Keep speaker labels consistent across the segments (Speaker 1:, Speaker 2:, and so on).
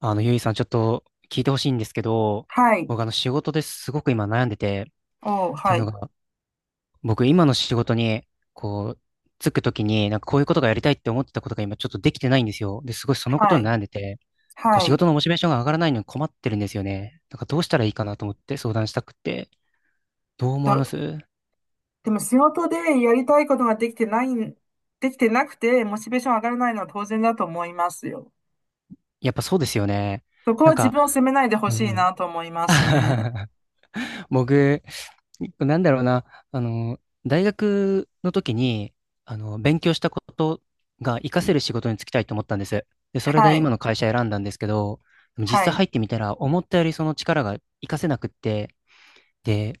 Speaker 1: ゆいさん、ちょっと聞いてほしいんですけど、
Speaker 2: はい。
Speaker 1: 僕、仕事ですごく今悩んでて、
Speaker 2: おう、
Speaker 1: っていう
Speaker 2: は
Speaker 1: の
Speaker 2: い。
Speaker 1: が、僕、今の仕事に、こう、つくときに、なんかこういうことがやりたいって思ってたことが今ちょっとできてないんですよ。で、すごいそのこと
Speaker 2: は
Speaker 1: に
Speaker 2: い。
Speaker 1: 悩んでて、
Speaker 2: は
Speaker 1: 仕
Speaker 2: い。
Speaker 1: 事のモチベーションが上がらないのに困ってるんですよね。なんかどうしたらいいかなと思って相談したくって、どう思われま
Speaker 2: と、
Speaker 1: す？
Speaker 2: でも仕事でやりたいことができてなくて、モチベーション上がらないのは当然だと思いますよ。
Speaker 1: やっぱそうですよね。
Speaker 2: そこ
Speaker 1: な
Speaker 2: は
Speaker 1: ん
Speaker 2: 自
Speaker 1: か、
Speaker 2: 分を責めないでほ
Speaker 1: う
Speaker 2: し
Speaker 1: んう
Speaker 2: い
Speaker 1: ん。
Speaker 2: なと思いますね。
Speaker 1: 僕、なんだろうな、あの、大学の時に、勉強したことが活かせる仕事に就きたいと思ったんです。で、それ
Speaker 2: は
Speaker 1: で今
Speaker 2: い。
Speaker 1: の会社選んだんですけど、でも実
Speaker 2: は
Speaker 1: 際
Speaker 2: い。
Speaker 1: 入ってみたら、思ったよりその力が活かせなくって、で、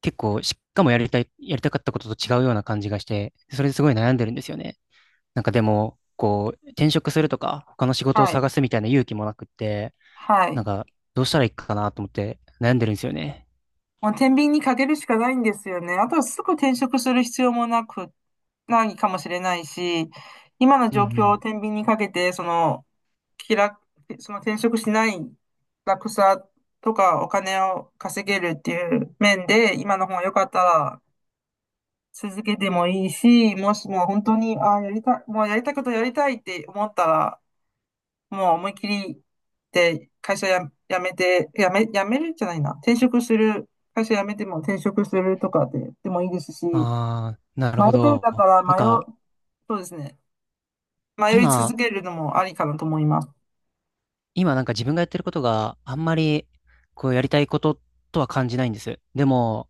Speaker 1: 結構、しかもやりたかったことと違うような感じがして、それですごい悩んでるんですよね。なんかでも、転職するとか、他の仕事を
Speaker 2: はい。
Speaker 1: 探すみたいな勇気もなくって、
Speaker 2: は
Speaker 1: なん
Speaker 2: い。
Speaker 1: か、どうしたらいいかなと思って悩んでるんですよね。
Speaker 2: もう天秤にかけるしかないんですよね。あとはすぐ転職する必要もなく、ないかもしれないし、今の
Speaker 1: うんう
Speaker 2: 状況を
Speaker 1: ん。
Speaker 2: 天秤にかけて、気楽、その転職しない楽さとかお金を稼げるっていう面で、今の方が良かったら続けてもいいし、もしも本当に、ああ、やりたい、もうやりたいことやりたいって思ったら、もう思いっきりで会社や、辞めるじゃないな。転職する、会社辞めても転職するとかで、でもいいですし、迷
Speaker 1: ああ、なる
Speaker 2: っ
Speaker 1: ほ
Speaker 2: てる
Speaker 1: ど。
Speaker 2: 方は
Speaker 1: なん
Speaker 2: 迷
Speaker 1: か、
Speaker 2: う、そうですね。迷い
Speaker 1: 今、
Speaker 2: 続けるのもありかなと思います。
Speaker 1: 今なんか自分がやってることがあんまり、こうやりたいこととは感じないんです。でも、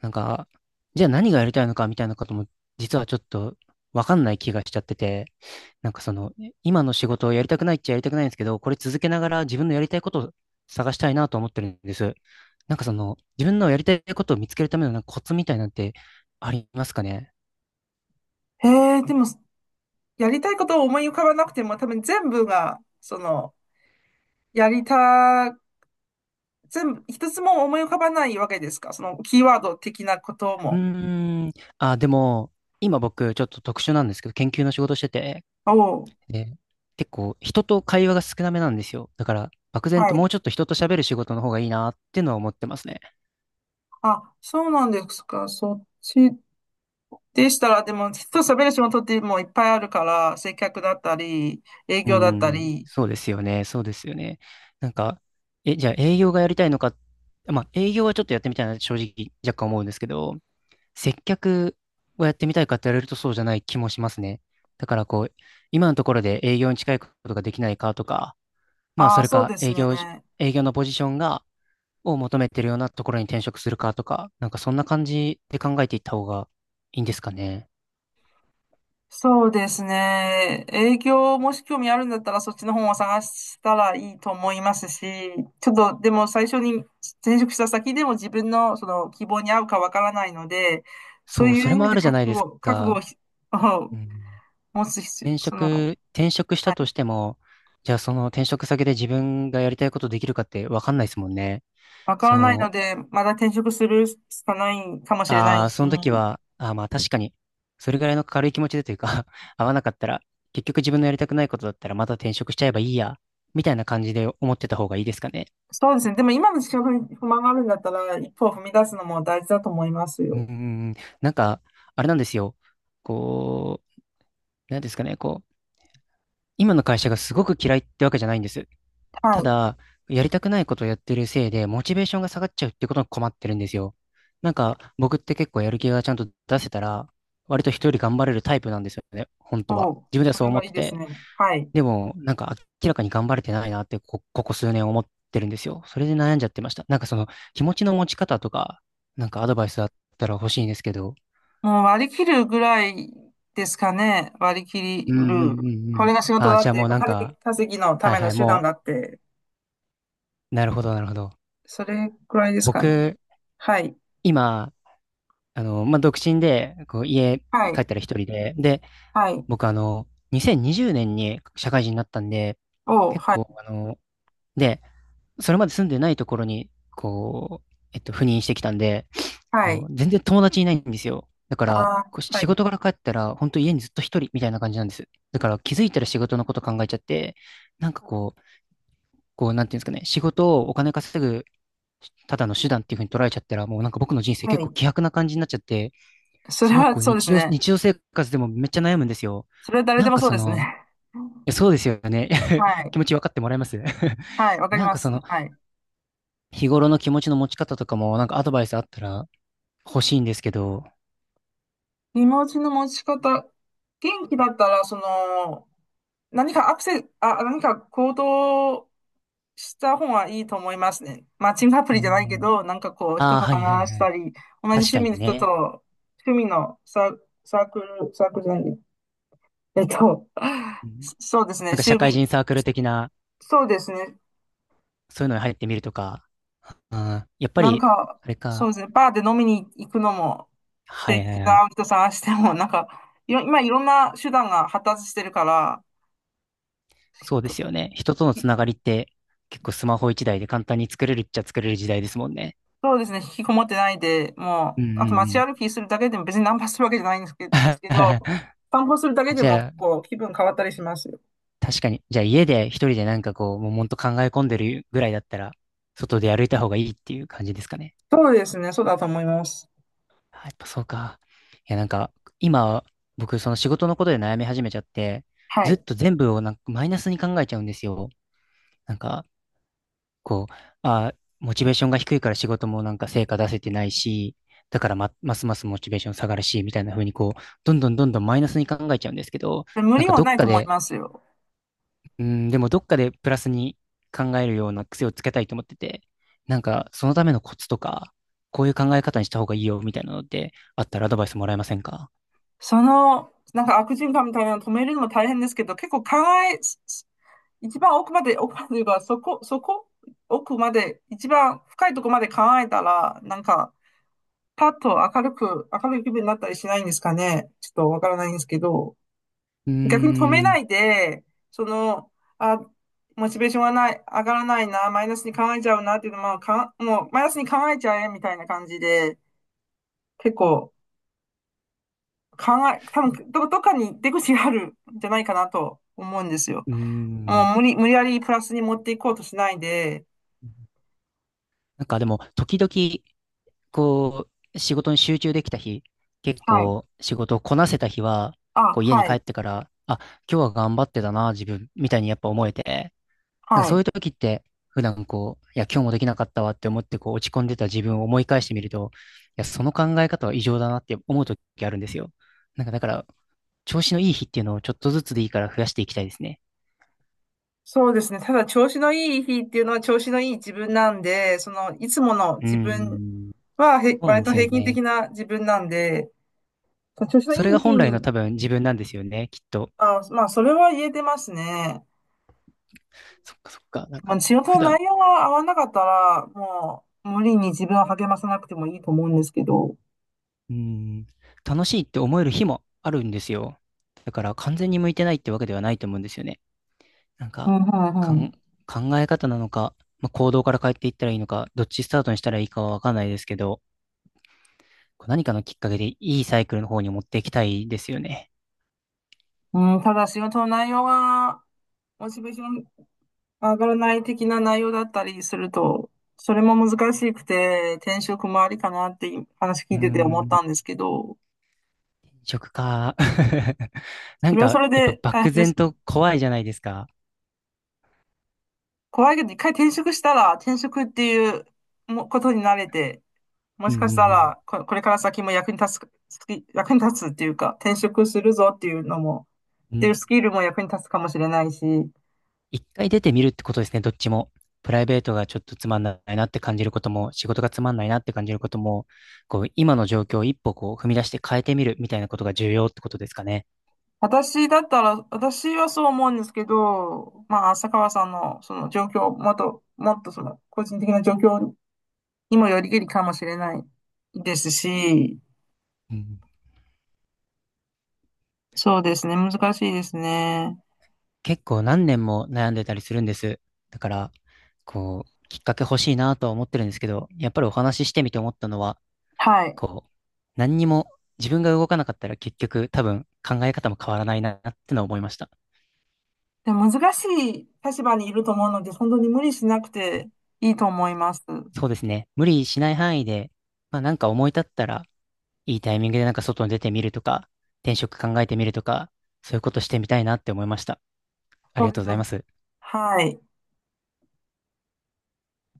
Speaker 1: なんか、じゃあ何がやりたいのかみたいなことも、実はちょっとわかんない気がしちゃってて、なんかその、今の仕事をやりたくないっちゃやりたくないんですけど、これ続けながら自分のやりたいことを探したいなと思ってるんです。なんかその、自分のやりたいことを見つけるためのなんかコツみたいなんてありますかね？
Speaker 2: へえ、でも、やりたいことを思い浮かばなくても、多分全部が、やりた、全部、一つも思い浮かばないわけですかその、キーワード的なこと
Speaker 1: う
Speaker 2: も。
Speaker 1: ーん。あ、でも、今僕、ちょっと特殊なんですけど、研究の仕事してて、
Speaker 2: おう、
Speaker 1: で、結構、人と会話が少なめなんですよ。だから、漠然
Speaker 2: は
Speaker 1: と
Speaker 2: い。
Speaker 1: もうちょっと人と喋る仕事の方がいいなっていうのは思ってますね。
Speaker 2: あ、そうなんですか。そっちでしたら、でも、人と喋る仕事ってもういっぱいあるから、接客だったり、営
Speaker 1: うー
Speaker 2: 業だった
Speaker 1: ん。
Speaker 2: り。
Speaker 1: そうですよね。そうですよね。なんか、じゃあ営業がやりたいのか、まあ、営業はちょっとやってみたいな、正直、若干思うんですけど、接客をやってみたいかって言われるとそうじゃない気もしますね。だから、今のところで営業に近いことができないかとか、まあ、
Speaker 2: あ
Speaker 1: そ
Speaker 2: あ、
Speaker 1: れ
Speaker 2: そう
Speaker 1: か
Speaker 2: ですね。
Speaker 1: 営業のポジションを求めてるようなところに転職するかとか、なんかそんな感じで考えていった方がいいんですかね。
Speaker 2: そうですね。営業もし興味あるんだったらそっちの本を探したらいいと思いますし、ちょっとでも最初に転職した先でも自分のその希望に合うかわからないので、そう
Speaker 1: そう、
Speaker 2: い
Speaker 1: そ
Speaker 2: う
Speaker 1: れ
Speaker 2: 意
Speaker 1: も
Speaker 2: 味
Speaker 1: あ
Speaker 2: で
Speaker 1: るじゃないです
Speaker 2: 覚悟を
Speaker 1: か。うん、
Speaker 2: 持つ必要、
Speaker 1: 転職し
Speaker 2: は
Speaker 1: たと
Speaker 2: い、
Speaker 1: しても、じゃあその転職先で自分がやりたいことできるかってわかんないですもんね。
Speaker 2: わからないの
Speaker 1: そ
Speaker 2: で、まだ転職するしかないかも
Speaker 1: う、
Speaker 2: しれな
Speaker 1: あ
Speaker 2: い
Speaker 1: あ、
Speaker 2: し、
Speaker 1: その時は、まあ確かに、それぐらいの軽い気持ちでというか 合わなかったら、結局自分のやりたくないことだったらまた転職しちゃえばいいや、みたいな感じで思ってた方がいいですかね。
Speaker 2: そうですね。でも今の仕事に不満があるんだったら、一歩を踏み出すのも大事だと思います
Speaker 1: うー
Speaker 2: よ。
Speaker 1: ん、なんか、あれなんですよ。こなんですかね、今の会社がすごく嫌いってわけじゃないんです。
Speaker 2: は
Speaker 1: た
Speaker 2: い。
Speaker 1: だ、やりたくないことをやってるせいで、モチベーションが下がっちゃうってことに困ってるんですよ。なんか、僕って結構やる気がちゃんと出せたら、割と人より頑張れるタイプなんですよね、本当は。
Speaker 2: おう、
Speaker 1: 自分では
Speaker 2: そ
Speaker 1: そう
Speaker 2: れ
Speaker 1: 思
Speaker 2: は
Speaker 1: っ
Speaker 2: い
Speaker 1: て
Speaker 2: いです
Speaker 1: て。
Speaker 2: ね。はい。
Speaker 1: でも、なんか明らかに頑張れてないなってここ数年思ってるんですよ。それで悩んじゃってました。なんかその、気持ちの持ち方とか、なんかアドバイスあったら欲しいんですけど。
Speaker 2: もう割り切るぐらいですかね。割り切
Speaker 1: うんう
Speaker 2: る。
Speaker 1: んうんう
Speaker 2: これ
Speaker 1: ん。
Speaker 2: が仕事
Speaker 1: ああ、
Speaker 2: だ
Speaker 1: じ
Speaker 2: っ
Speaker 1: ゃあ
Speaker 2: て、
Speaker 1: もう
Speaker 2: お
Speaker 1: なん
Speaker 2: 金
Speaker 1: か、
Speaker 2: 稼ぎのた
Speaker 1: はい
Speaker 2: め
Speaker 1: は
Speaker 2: の
Speaker 1: い、
Speaker 2: 手段
Speaker 1: も
Speaker 2: だって、
Speaker 1: う、なるほどなるほど。
Speaker 2: それくらいですかね。
Speaker 1: 僕、
Speaker 2: はい。
Speaker 1: 今、まあ、独身で、家
Speaker 2: は
Speaker 1: 帰
Speaker 2: い。
Speaker 1: ったら一人で、で、
Speaker 2: はい。
Speaker 1: 僕2020年にじゅうねんに社会人になったんで、
Speaker 2: おう、
Speaker 1: 結
Speaker 2: は
Speaker 1: 構、
Speaker 2: い。
Speaker 1: で、それまで住んでないところに、赴任してきたんで、
Speaker 2: はい。
Speaker 1: 全然友達いないんですよ。だか
Speaker 2: あ
Speaker 1: ら、
Speaker 2: あ、
Speaker 1: こうし
Speaker 2: は
Speaker 1: 仕
Speaker 2: い。
Speaker 1: 事から帰ったら、本当家にずっと一人みたいな感じなんです。だから気づいたら仕事のこと考えちゃって、なんかこう、なんていうんですかね、仕事をお金稼ぐ、ただの手段っていう風に捉えちゃったら、もうなんか僕の人生
Speaker 2: は
Speaker 1: 結構
Speaker 2: い。
Speaker 1: 希薄な感じになっちゃって、
Speaker 2: そ
Speaker 1: す
Speaker 2: れ
Speaker 1: ごい
Speaker 2: はそうです
Speaker 1: 日
Speaker 2: ね。
Speaker 1: 常生活でもめっちゃ悩むんですよ。
Speaker 2: それは誰
Speaker 1: な
Speaker 2: で
Speaker 1: ん
Speaker 2: も
Speaker 1: か
Speaker 2: そう
Speaker 1: そ
Speaker 2: です
Speaker 1: の、
Speaker 2: ね。
Speaker 1: いやそうですよね。
Speaker 2: は い。
Speaker 1: 気持ち分かってもらえます？
Speaker 2: はい。わ かり
Speaker 1: なん
Speaker 2: ま
Speaker 1: かそ
Speaker 2: す。
Speaker 1: の、
Speaker 2: はい。
Speaker 1: 日頃の気持ちの持ち方とかも、なんかアドバイスあったら欲しいんですけど、
Speaker 2: 気持ちの持ち方。元気だったら、その、何かアクセ、あ、何か行動した方がいいと思いますね。マッチングアプ
Speaker 1: う
Speaker 2: リじゃないけ
Speaker 1: ん。
Speaker 2: ど、なんかこう、
Speaker 1: あ
Speaker 2: 人
Speaker 1: あ、
Speaker 2: と
Speaker 1: はいはい
Speaker 2: 話し
Speaker 1: は
Speaker 2: た
Speaker 1: い。
Speaker 2: り、同じ
Speaker 1: 確
Speaker 2: 趣
Speaker 1: か
Speaker 2: 味
Speaker 1: に
Speaker 2: の人
Speaker 1: ね。
Speaker 2: と、趣味のサー、サークルじゃない、えっと、
Speaker 1: うん
Speaker 2: そうです
Speaker 1: な
Speaker 2: ね、
Speaker 1: んか社会人サークル的な、
Speaker 2: そうですね、
Speaker 1: そういうのに入ってみるとか、やっぱ
Speaker 2: なん
Speaker 1: り、
Speaker 2: か、
Speaker 1: あれ
Speaker 2: そう
Speaker 1: か、
Speaker 2: ですね、バーで飲みに行くのも、
Speaker 1: は
Speaker 2: で、
Speaker 1: いは
Speaker 2: 気
Speaker 1: いは
Speaker 2: が
Speaker 1: い。
Speaker 2: 合う人探しても、なんか、今いろんな手段が発達してるから、
Speaker 1: そうで
Speaker 2: と
Speaker 1: すよね。人とのつながりって結構スマホ一台で簡単に作れるっちゃ作れる時代ですもんね。
Speaker 2: そうですね、引きこもってないで、
Speaker 1: う
Speaker 2: も
Speaker 1: ん
Speaker 2: う、あ
Speaker 1: う
Speaker 2: と
Speaker 1: んう
Speaker 2: 街
Speaker 1: ん。
Speaker 2: 歩きするだけでも別にナンパするわけじゃないんですけ、ですけど、散歩するだけで
Speaker 1: じ
Speaker 2: も結
Speaker 1: ゃあ、
Speaker 2: 構気分変わったりしますよ。
Speaker 1: 確かに。じゃあ家で一人でなんか悶々と考え込んでるぐらいだったら、外で歩いた方がいいっていう感じですかね。
Speaker 2: そうですね、そうだと思います。
Speaker 1: あやっぱそうか。いやなんか、今、僕その仕事のことで悩み始めちゃって、
Speaker 2: は
Speaker 1: ずっ
Speaker 2: い。
Speaker 1: と全部をなんかマイナスに考えちゃうんですよ。なんか、こう、モチベーションが低いから仕事もなんか成果出せてないし、だからますますモチベーション下がるし、みたいな風にどんどんどんどんマイナスに考えちゃうんですけど、
Speaker 2: で無
Speaker 1: なん
Speaker 2: 理
Speaker 1: か
Speaker 2: は
Speaker 1: ど
Speaker 2: な
Speaker 1: っ
Speaker 2: いと
Speaker 1: か
Speaker 2: 思い
Speaker 1: で、
Speaker 2: ますよ。
Speaker 1: うん、でもどっかでプラスに考えるような癖をつけたいと思ってて、なんかそのためのコツとか、こういう考え方にした方がいいよ、みたいなのってあったらアドバイスもらえませんか？
Speaker 2: その、なんか悪循環みたいなの止めるのも大変ですけど、結構考え、一番奥まで、奥まで言えば、そこ、そこ、奥まで、一番深いとこまで考えたら、なんか、パッと明るく、明るい気分になったりしないんですかね。ちょっとわからないんですけど。
Speaker 1: うー
Speaker 2: 逆に止めな
Speaker 1: ん、
Speaker 2: いで、その、あ、モチベーションがない、上がらないな、マイナスに考えちゃうなっていうのは、もうマイナスに考えちゃえみたいな感じで、結構考え、多分どっかに出口があるんじゃないかなと思うんですよ。
Speaker 1: うーん。
Speaker 2: もう無理やりプラスに持っていこうとしないで、
Speaker 1: なんかでも、時々、こ仕事に集中できた日、結
Speaker 2: はい。
Speaker 1: 構仕事をこなせた日は、
Speaker 2: あ、
Speaker 1: こう家に
Speaker 2: は
Speaker 1: 帰っ
Speaker 2: い。
Speaker 1: てから、あ、今日は頑張ってたな、自分、みたいにやっぱ思えて、なんか
Speaker 2: は
Speaker 1: そういう
Speaker 2: い。
Speaker 1: 時って、普段いや、今日もできなかったわって思ってこう落ち込んでた自分を思い返してみると、いや、その考え方は異常だなって思う時あるんですよ。なんかだから、調子のいい日っていうのをちょっとずつでいいから増やしていきたいですね。
Speaker 2: そうですね。ただ、調子のいい日っていうのは調子のいい自分なんで、その、いつもの
Speaker 1: うー
Speaker 2: 自分
Speaker 1: ん。
Speaker 2: は、
Speaker 1: そうなん
Speaker 2: 割
Speaker 1: で
Speaker 2: と
Speaker 1: すよ
Speaker 2: 平均
Speaker 1: ね。
Speaker 2: 的な自分なんで、調子の
Speaker 1: そ
Speaker 2: い
Speaker 1: れが
Speaker 2: い時
Speaker 1: 本来の
Speaker 2: に、
Speaker 1: 多分自分なんですよね、きっと。
Speaker 2: あ、まあ、それは言えてますね。
Speaker 1: そっかそっか。なん
Speaker 2: ま
Speaker 1: か、
Speaker 2: あ、仕事
Speaker 1: 普
Speaker 2: の
Speaker 1: 段
Speaker 2: 内容が合わなかったら、もう、無理に自分を励まさなくてもいいと思うんですけど。
Speaker 1: うん、楽しいって思える日もあるんですよ。だから完全に向いてないってわけではないと思うんですよね。なん
Speaker 2: う
Speaker 1: か、
Speaker 2: ん、うん、
Speaker 1: か
Speaker 2: う
Speaker 1: ん、
Speaker 2: ん。
Speaker 1: 考え方なのか、まあ、行動から変えていったらいいのか、どっちスタートにしたらいいかはわかんないですけど、こう何かのきっかけでいいサイクルの方に持っていきたいですよね。
Speaker 2: うん、ただ、仕事の内容が、モチベーション上がらない的な内容だったりすると、それも難しくて、転職もありかなって話聞
Speaker 1: うー
Speaker 2: いてて思っ
Speaker 1: ん、
Speaker 2: たんですけど、
Speaker 1: 食か。な
Speaker 2: そ
Speaker 1: ん
Speaker 2: れはそ
Speaker 1: か、
Speaker 2: れ
Speaker 1: やっぱ
Speaker 2: で大変
Speaker 1: 漠
Speaker 2: です
Speaker 1: 然
Speaker 2: よね。
Speaker 1: と怖いじゃないですか。
Speaker 2: 怖いけど、一回転職したら、転職っていうことに慣れて、も
Speaker 1: うん
Speaker 2: しかした
Speaker 1: うん
Speaker 2: ら、これから先も役に立つ、役に立つっていうか、転職するぞっていうのも、
Speaker 1: う
Speaker 2: っ
Speaker 1: ん。う
Speaker 2: ていう
Speaker 1: ん
Speaker 2: スキルも役に立つかもしれないし、
Speaker 1: 一回出てみるってことですね、どっちも。プライベートがちょっとつまんないなって感じることも、仕事がつまんないなって感じることも、今の状況を一歩こう、踏み出して変えてみるみたいなことが重要ってことですかね。
Speaker 2: 私だったら、私はそう思うんですけど、まあ、浅川さんのその状況、もっとその、個人的な状況にもよりけりかもしれないですし、
Speaker 1: うん、
Speaker 2: そうですね、難しいですね。
Speaker 1: 結構何年も悩んでたりするんです。だから、きっかけ欲しいなとは思ってるんですけど、やっぱりお話ししてみて思ったのは、
Speaker 2: はい。
Speaker 1: こう、何にも自分が動かなかったら結局多分考え方も変わらないなってのは思いました。
Speaker 2: でも難しい立場にいると思うので、本当に無理しなくていいと思います。
Speaker 1: そうですね。無理しない範囲で、まあなんか思い立ったら、いいタイミングでなんか外に出てみるとか、転職考えてみるとか、そういうことしてみたいなって思いました。あ
Speaker 2: そ
Speaker 1: りが
Speaker 2: うで
Speaker 1: とう
Speaker 2: す
Speaker 1: ござい
Speaker 2: ね。
Speaker 1: ます。
Speaker 2: はい。